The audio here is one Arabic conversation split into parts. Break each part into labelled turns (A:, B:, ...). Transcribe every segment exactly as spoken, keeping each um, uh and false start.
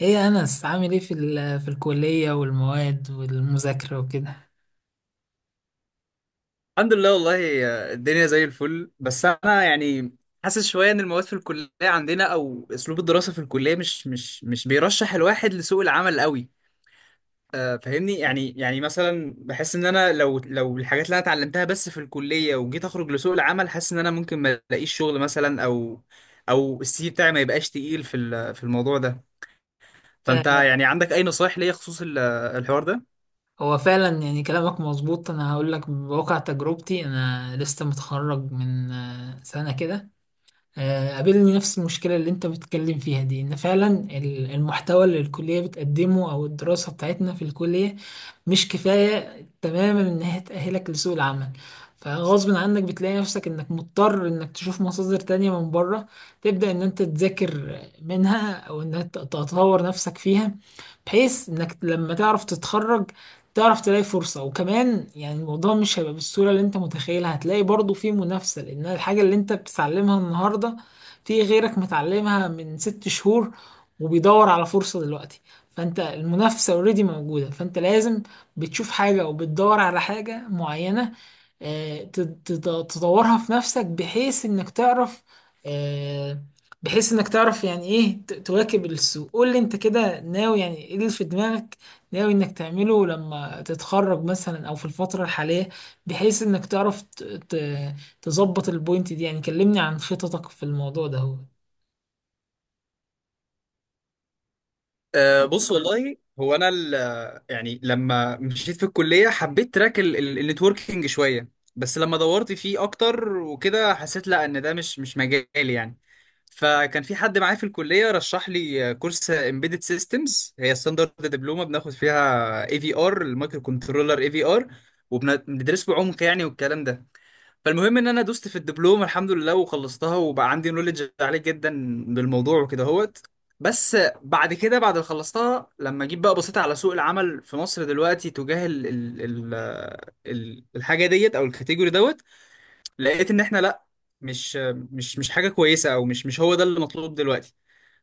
A: ايه يا انس، عامل ايه في ال- في الكليه والمواد والمذاكره وكده؟
B: الحمد لله والله. الدنيا زي الفل، بس انا يعني حاسس شويه ان المواد في الكليه عندنا او اسلوب الدراسه في الكليه مش مش مش بيرشح الواحد لسوق العمل قوي. آه، فاهمني يعني. يعني مثلا بحس ان انا لو لو الحاجات اللي انا اتعلمتها بس في الكليه وجيت اخرج لسوق العمل، حاسس ان انا ممكن ما الاقيش شغل مثلا، او او السي في بتاعي ما يبقاش تقيل في ال- في الموضوع ده. فانت
A: آه،
B: يعني عندك اي نصايح ليا خصوص ال- الحوار ده؟
A: هو فعلا يعني كلامك مظبوط. انا هقول لك بواقع تجربتي. انا لسه متخرج من آه، سنه كده. آه، قابلني نفس المشكلة اللي انت بتتكلم فيها دي، ان فعلا ال- المحتوى اللي الكلية بتقدمه او الدراسة بتاعتنا في الكلية مش كفاية تماما ان هي تأهلك لسوق العمل. فغصب عنك بتلاقي نفسك انك مضطر انك تشوف مصادر تانية من بره، تبدأ ان انت تذاكر منها او انك تطور نفسك فيها، بحيث انك لما تعرف تتخرج تعرف تلاقي فرصة. وكمان يعني الموضوع مش هيبقى بالسهولة اللي انت متخيلها، هتلاقي برضو في منافسة، لان الحاجة اللي انت بتتعلمها النهاردة في غيرك متعلمها من ست شهور وبيدور على فرصة دلوقتي. فانت المنافسة اوريدي موجودة، فانت لازم بتشوف حاجة او بتدور على حاجة معينة، آه، تد- تد- تدورها في نفسك بحيث انك تعرف، آه، بحيث انك تعرف يعني ايه ت- تواكب السوق. قول لي انت كده ناوي يعني ايه اللي في دماغك، ناوي انك تعمله لما تتخرج مثلا او في الفترة الحالية، بحيث انك تعرف ت- ت- تظبط البوينت دي. يعني كلمني عن خططك في الموضوع ده هو.
B: أه، بص والله هو انا ال- يعني لما مشيت في الكليه حبيت تراك ال- ال- النتوركينج شويه، بس لما دورت فيه اكتر وكده حسيت لا، ان ده مش مش مجالي يعني. فكان في حد معايا في الكليه رشح لي كورس امبيدد سيستمز، هي ستاندرد دبلومه بناخد فيها اي في ار المايكرو كنترولر اي في ار، وبندرسه بعمق يعني والكلام ده. فالمهم ان انا دوست في الدبلوم الحمد لله وخلصتها، وبقى عندي نولج عالي جدا بالموضوع وكده هوت. بس بعد كده، بعد ما خلصتها لما جيت بقى بصيت على سوق العمل في مصر دلوقتي تجاه ال ال ال ال الحاجه ديت او الكاتيجوري دوت، لقيت ان احنا لا، مش مش مش حاجه كويسه، او مش مش هو ده اللي مطلوب دلوقتي.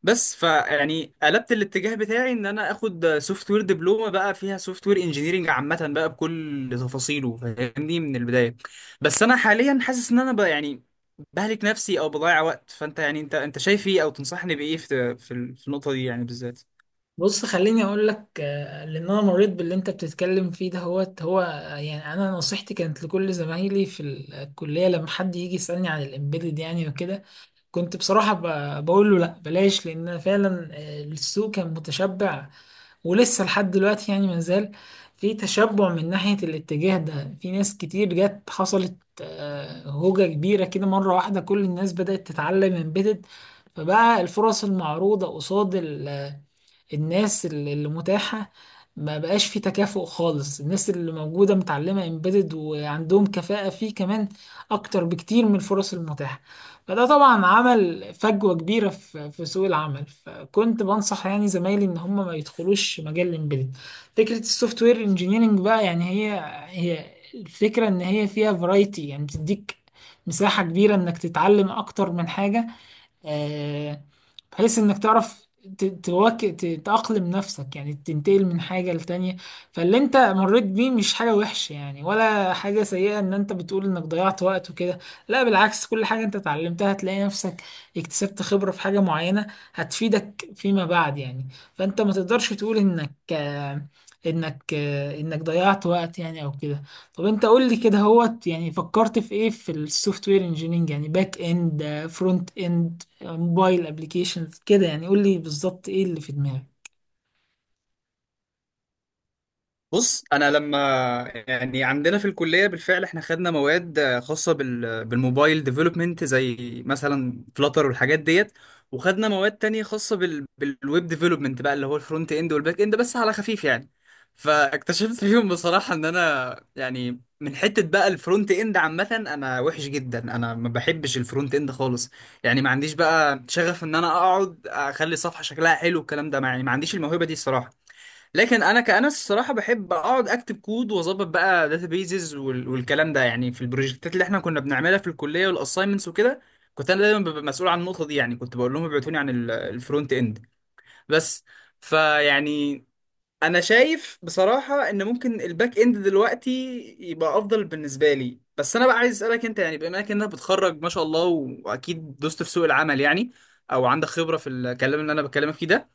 B: بس فيعني قلبت الاتجاه بتاعي ان انا اخد سوفت وير دبلومه بقى، فيها سوفت وير انجينيرنج عامه بقى بكل تفاصيله فاهمني من البدايه. بس انا حاليا حاسس ان انا بقى يعني بهلك نفسي او بضيع وقت. فانت يعني انت انت شايف ايه، او تنصحني بايه في في في النقطه دي يعني بالذات؟
A: بص خليني اقول لك، آه، لان انا مريت باللي انت بتتكلم فيه ده. هو هو آه، يعني انا نصيحتي كانت لكل زمايلي في الكلية، لما حد يجي يسألني عن الامبيدد يعني وكده، كنت بصراحة ب- بقول له لا، بلاش، لان فعلا آه، السوق كان متشبع، ولسه لحد دلوقتي يعني مازال في تشبع من ناحية الاتجاه ده. في ناس كتير جت حصلت آه، هوجة كبيرة كده مرة واحدة، كل الناس بدأت تتعلم امبيدد. فبقى الفرص المعروضة قصاد ال الناس اللي اللي متاحة، ما بقاش في تكافؤ خالص. الناس اللي موجودة متعلمة امبيدد وعندهم كفاءة فيه كمان أكتر بكتير من الفرص المتاحة. فده طبعا عمل فجوة كبيرة في في سوق العمل، فكنت بنصح يعني زمايلي إن هم ما يدخلوش مجال الامبيدد. فكرة السوفت وير انجينيرنج بقى، يعني هي هي الفكرة، إن هي فيها فرايتي، يعني بتديك مساحة كبيرة إنك تتعلم أكتر من حاجة، آه، بحيث انك تعرف ت- تواك- ت- تأقلم نفسك، يعني تنتقل من حاجة لتانية. فاللي انت مريت بيه مش حاجة وحشة يعني، ولا حاجة سيئة ان انت بتقول انك ضيعت وقت وكده. لا بالعكس، كل حاجة انت اتعلمتها هتلاقي نفسك اكتسبت خبرة في حاجة معينة هتفيدك فيما بعد يعني. فانت ما تقدرش تقول انك آه، انك آه، انك ضيعت وقت يعني او كده. طب انت قول لي كده هوت، يعني فكرت في ايه في السوفت وير انجينيرنج؟ يعني باك اند، فرونت اند، موبايل ابلكيشنز كده، يعني قول لي بالظبط ايه اللي في دماغك.
B: بص، انا لما يعني عندنا في الكليه بالفعل احنا خدنا مواد خاصه بال بالموبايل ديفلوبمنت، زي مثلا فلاتر والحاجات ديت، وخدنا مواد تانية خاصه بال بالويب ديفلوبمنت بقى، اللي هو الفرونت اند والباك اند بس على خفيف يعني. فاكتشفت فيهم بصراحه ان انا يعني من حته بقى الفرونت اند عامه، انا وحش جدا، انا ما بحبش الفرونت اند خالص يعني. ما عنديش بقى شغف ان انا اقعد اخلي الصفحه شكلها حلو الكلام ده يعني، ما عنديش الموهبه دي الصراحه. لكن انا كأنس الصراحه بحب اقعد اكتب كود واظبط بقى داتابيزز والكلام ده يعني. في البروجكتات اللي احنا كنا بنعملها في الكليه والاساينمنتس وكده، كنت انا دايما ببقى مسؤول عن النقطه دي يعني. كنت بقول لهم ابعتوني عن ال- الفرونت اند بس. فيعني انا شايف بصراحه ان ممكن الباك اند دلوقتي يبقى افضل بالنسبه لي. بس انا بقى عايز اسالك انت، يعني بما انك انت بتخرج ما شاء الله واكيد دوست في سوق العمل يعني، او عندك خبره في الكلام اللي انا بكلمك فيه ده.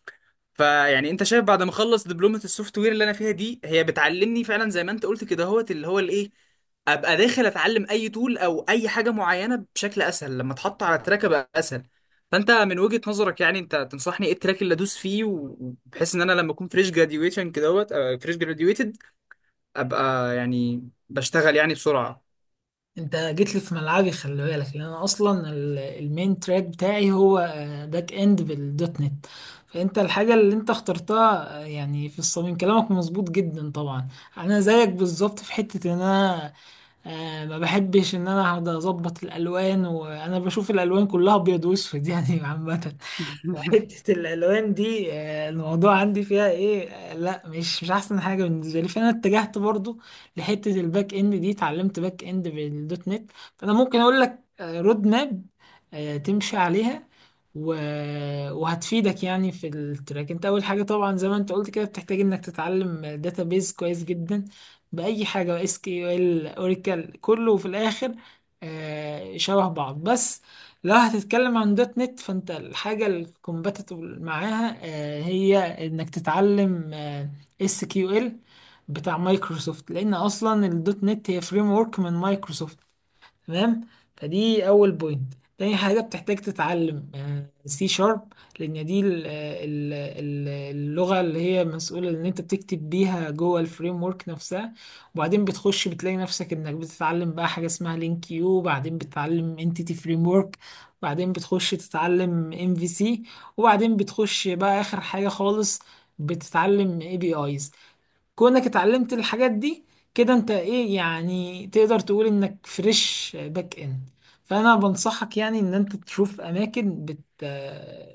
B: فيعني انت شايف بعد ما اخلص دبلومه السوفت وير اللي انا فيها دي، هي بتعلمني فعلا زي ما انت قلت كده هوت، اللي هو الايه، ابقى داخل اتعلم اي تول او اي حاجه معينه بشكل اسهل لما اتحط على التراك ابقى اسهل؟ فانت من وجهه نظرك يعني انت تنصحني ايه التراك اللي ادوس فيه، و- وبحيث ان انا لما اكون فريش جراديويشن كده هوت، فريش جراديويتد، ابقى يعني بشتغل يعني بسرعه.
A: انت جيت لي في ملعبي، خلي بالك، لان انا اصلا ال- المين تراك بتاعي هو آه، باك اند بالدوت نت. فانت الحاجه اللي انت اخترتها آه، يعني في الصميم، كلامك مظبوط جدا طبعا. انا زيك بالظبط في حته ان انا آه، ما بحبش ان انا اقعد اظبط الالوان، وانا بشوف الالوان كلها ابيض واسود يعني عامه. وحتة الألوان دي آه، الموضوع عندي فيها إيه، آه، لا، مش مش أحسن حاجة بالنسبة لي. فأنا اتجهت برضو لحتة الباك إند دي، اتعلمت باك إند بالدوت نت. فأنا ممكن أقول لك آه، رود ماب آه، تمشي عليها و... وهتفيدك يعني في التراك. انت اول حاجه طبعا، زي ما انت قلت كده، بتحتاج انك تتعلم داتابيز كويس جدا. باي حاجه، اس كيو ال، اوراكل، كله في الاخر آه، شبه بعض. بس لو هتتكلم عن دوت نت، فانت الحاجة الكومباتبل معاها آه، هي انك تتعلم اس كيو ال بتاع مايكروسوفت، لان اصلا الدوت نت هي فريم ورك من مايكروسوفت، تمام؟ فدي اول بوينت. تاني حاجه بتحتاج تتعلم سي شارب، لان دي ال- آه، ال- ال- اللغه اللي هي مسؤوله ان انت بتكتب بيها جوه الفريم ورك نفسها. وبعدين بتخش بتلاقي نفسك انك بتتعلم بقى حاجه اسمها لينك يو، وبعدين بتتعلم انتيتي فريم ورك، وبعدين بتخش تتعلم ام في سي، وبعدين بتخش بقى اخر حاجه خالص بتتعلم اي بي ايز. كونك اتعلمت الحاجات دي كده، انت ايه يعني، تقدر تقول انك فريش باك اند. فانا بنصحك يعني ان انت تشوف اماكن بت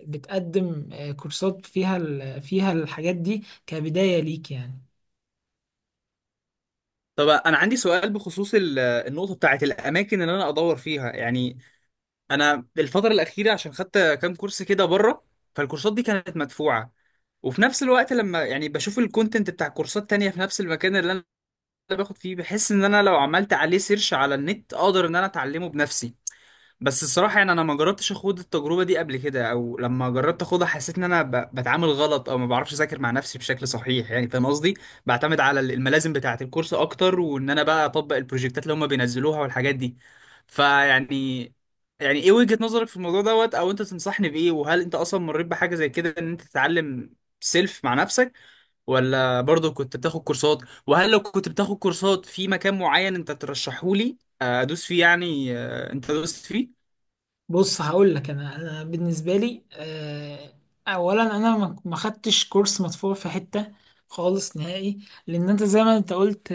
A: بتقدم آه، كورسات فيها ال- فيها الحاجات دي كبداية ليك يعني.
B: طب انا عندي سؤال بخصوص ال- النقطه بتاعت الاماكن اللي انا ادور فيها يعني. انا الفتره الاخيره عشان خدت كام كورس كده بره، فالكورسات دي كانت مدفوعه، وفي نفس الوقت لما يعني بشوف الكونتنت بتاع كورسات تانية في نفس المكان اللي انا باخد فيه، بحس ان انا لو عملت عليه سيرش على النت اقدر ان انا اتعلمه بنفسي. بس الصراحة يعني أنا ما جربتش أخوض التجربة دي قبل كده، أو لما جربت أخوضها حسيت إن أنا ب- بتعامل غلط أو ما بعرفش أذاكر مع نفسي بشكل صحيح يعني، فاهم قصدي؟ بعتمد على ال- الملازم بتاعة الكورس أكتر، وإن أنا بقى أطبق البروجكتات اللي هما بينزلوها والحاجات دي. فيعني يعني إيه وجهة نظرك في الموضوع دوت؟ أو أنت تنصحني بإيه؟ وهل أنت أصلا مريت بحاجة زي كده، إن أنت تتعلم سيلف مع نفسك، ولا برضه كنت بتاخد كورسات؟ وهل لو كنت بتاخد كورسات في مكان معين أنت ترشحهولي آه، أدوس فيه يعني آه، أنت دوست فيه؟
A: بص هقول لك انا انا بالنسبة لي آه، اولا، انا ما ما خدتش كورس مدفوع في حتة خالص نهائي. لان انت زي ما انت قلت،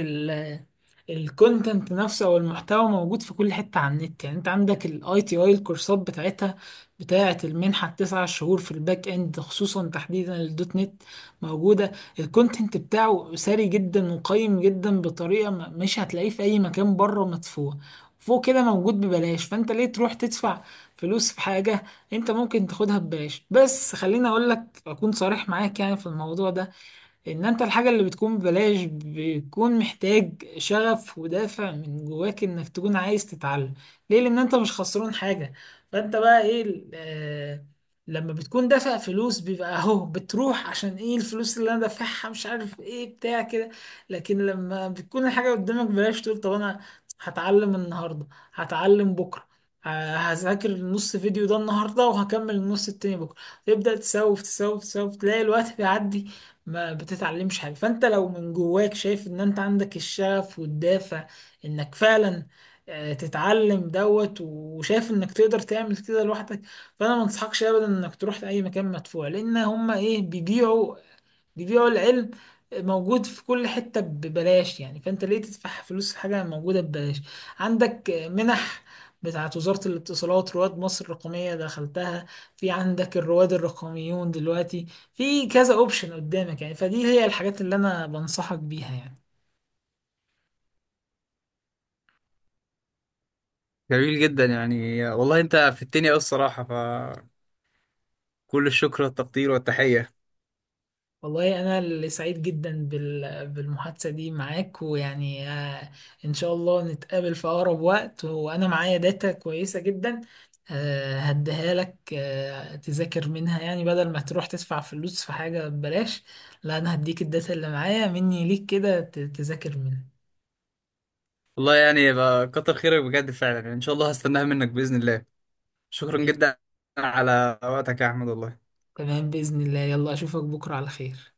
A: الكونتنت نفسه او المحتوى موجود في كل حته على النت. يعني انت عندك الاي تي اي، الكورسات بتاعتها، بتاعه المنحه التسع شهور في الباك اند خصوصا، تحديدا الدوت نت موجوده، الكونتنت بتاعه ساري جدا وقيم جدا بطريقه ما- مش هتلاقيه في اي مكان بره مدفوع، فوق كده موجود ببلاش. فانت ليه تروح تدفع فلوس في حاجه انت ممكن تاخدها ببلاش؟ بس خليني اقول لك، اكون صريح معاك يعني في الموضوع ده، ان انت الحاجة اللي بتكون ببلاش بيكون محتاج شغف ودافع من جواك انك تكون عايز تتعلم. ليه؟ لان انت مش خسران حاجة. فانت بقى ايه ال- آه، لما بتكون دافع فلوس بيبقى اهو، بتروح عشان ايه الفلوس اللي انا دافعها، مش عارف ايه بتاع كده. لكن لما بتكون الحاجة قدامك ببلاش تقول طب انا هتعلم النهاردة، هتعلم بكرة، ه- هذاكر النص فيديو ده النهارده وهكمل النص التاني بكره، تبدأ تسوف تسوف تسوف تلاقي الوقت بيعدي ما بتتعلمش حاجة. فانت لو من جواك شايف ان انت عندك الشغف والدافع انك فعلا آه، تتعلم دوت وشايف انك تقدر تعمل كده لوحدك، فانا ما انصحكش ابدا انك تروح لاي مكان مدفوع. لان هما ايه، بيبيعوا بيبيعوا العلم موجود في كل حتة ببلاش يعني. فانت ليه تدفع فلوس في حاجة موجودة ببلاش؟ عندك منح بتاعة وزارة الاتصالات، رواد مصر الرقمية، دخلتها. في عندك الرواد الرقميون دلوقتي. في كذا اوبشن قدامك يعني، فدي هي الحاجات اللي انا بنصحك بيها يعني.
B: جميل جدا يعني والله، انت في الدنيا أوي الصراحة، فكل الشكر والتقدير والتحية.
A: والله أنا اللي سعيد جدا بال- بالمحادثة دي معاك، ويعني آه، إن شاء الله نتقابل في أقرب وقت. وأنا معايا داتا كويسة جدا آه، هديها لك آه، تذاكر منها، يعني بدل ما تروح تدفع فلوس في حاجة ببلاش، لا، أنا هديك الداتا اللي معايا مني ليك كده ت- تذاكر منها.
B: والله يعني يبقى كتر خيرك بجد فعلا يعني، ان شاء الله هستناها منك بإذن الله. شكرا
A: تمام.
B: جدا على وقتك يا احمد والله.
A: تمام، بإذن الله، يلا أشوفك بكرة على خير.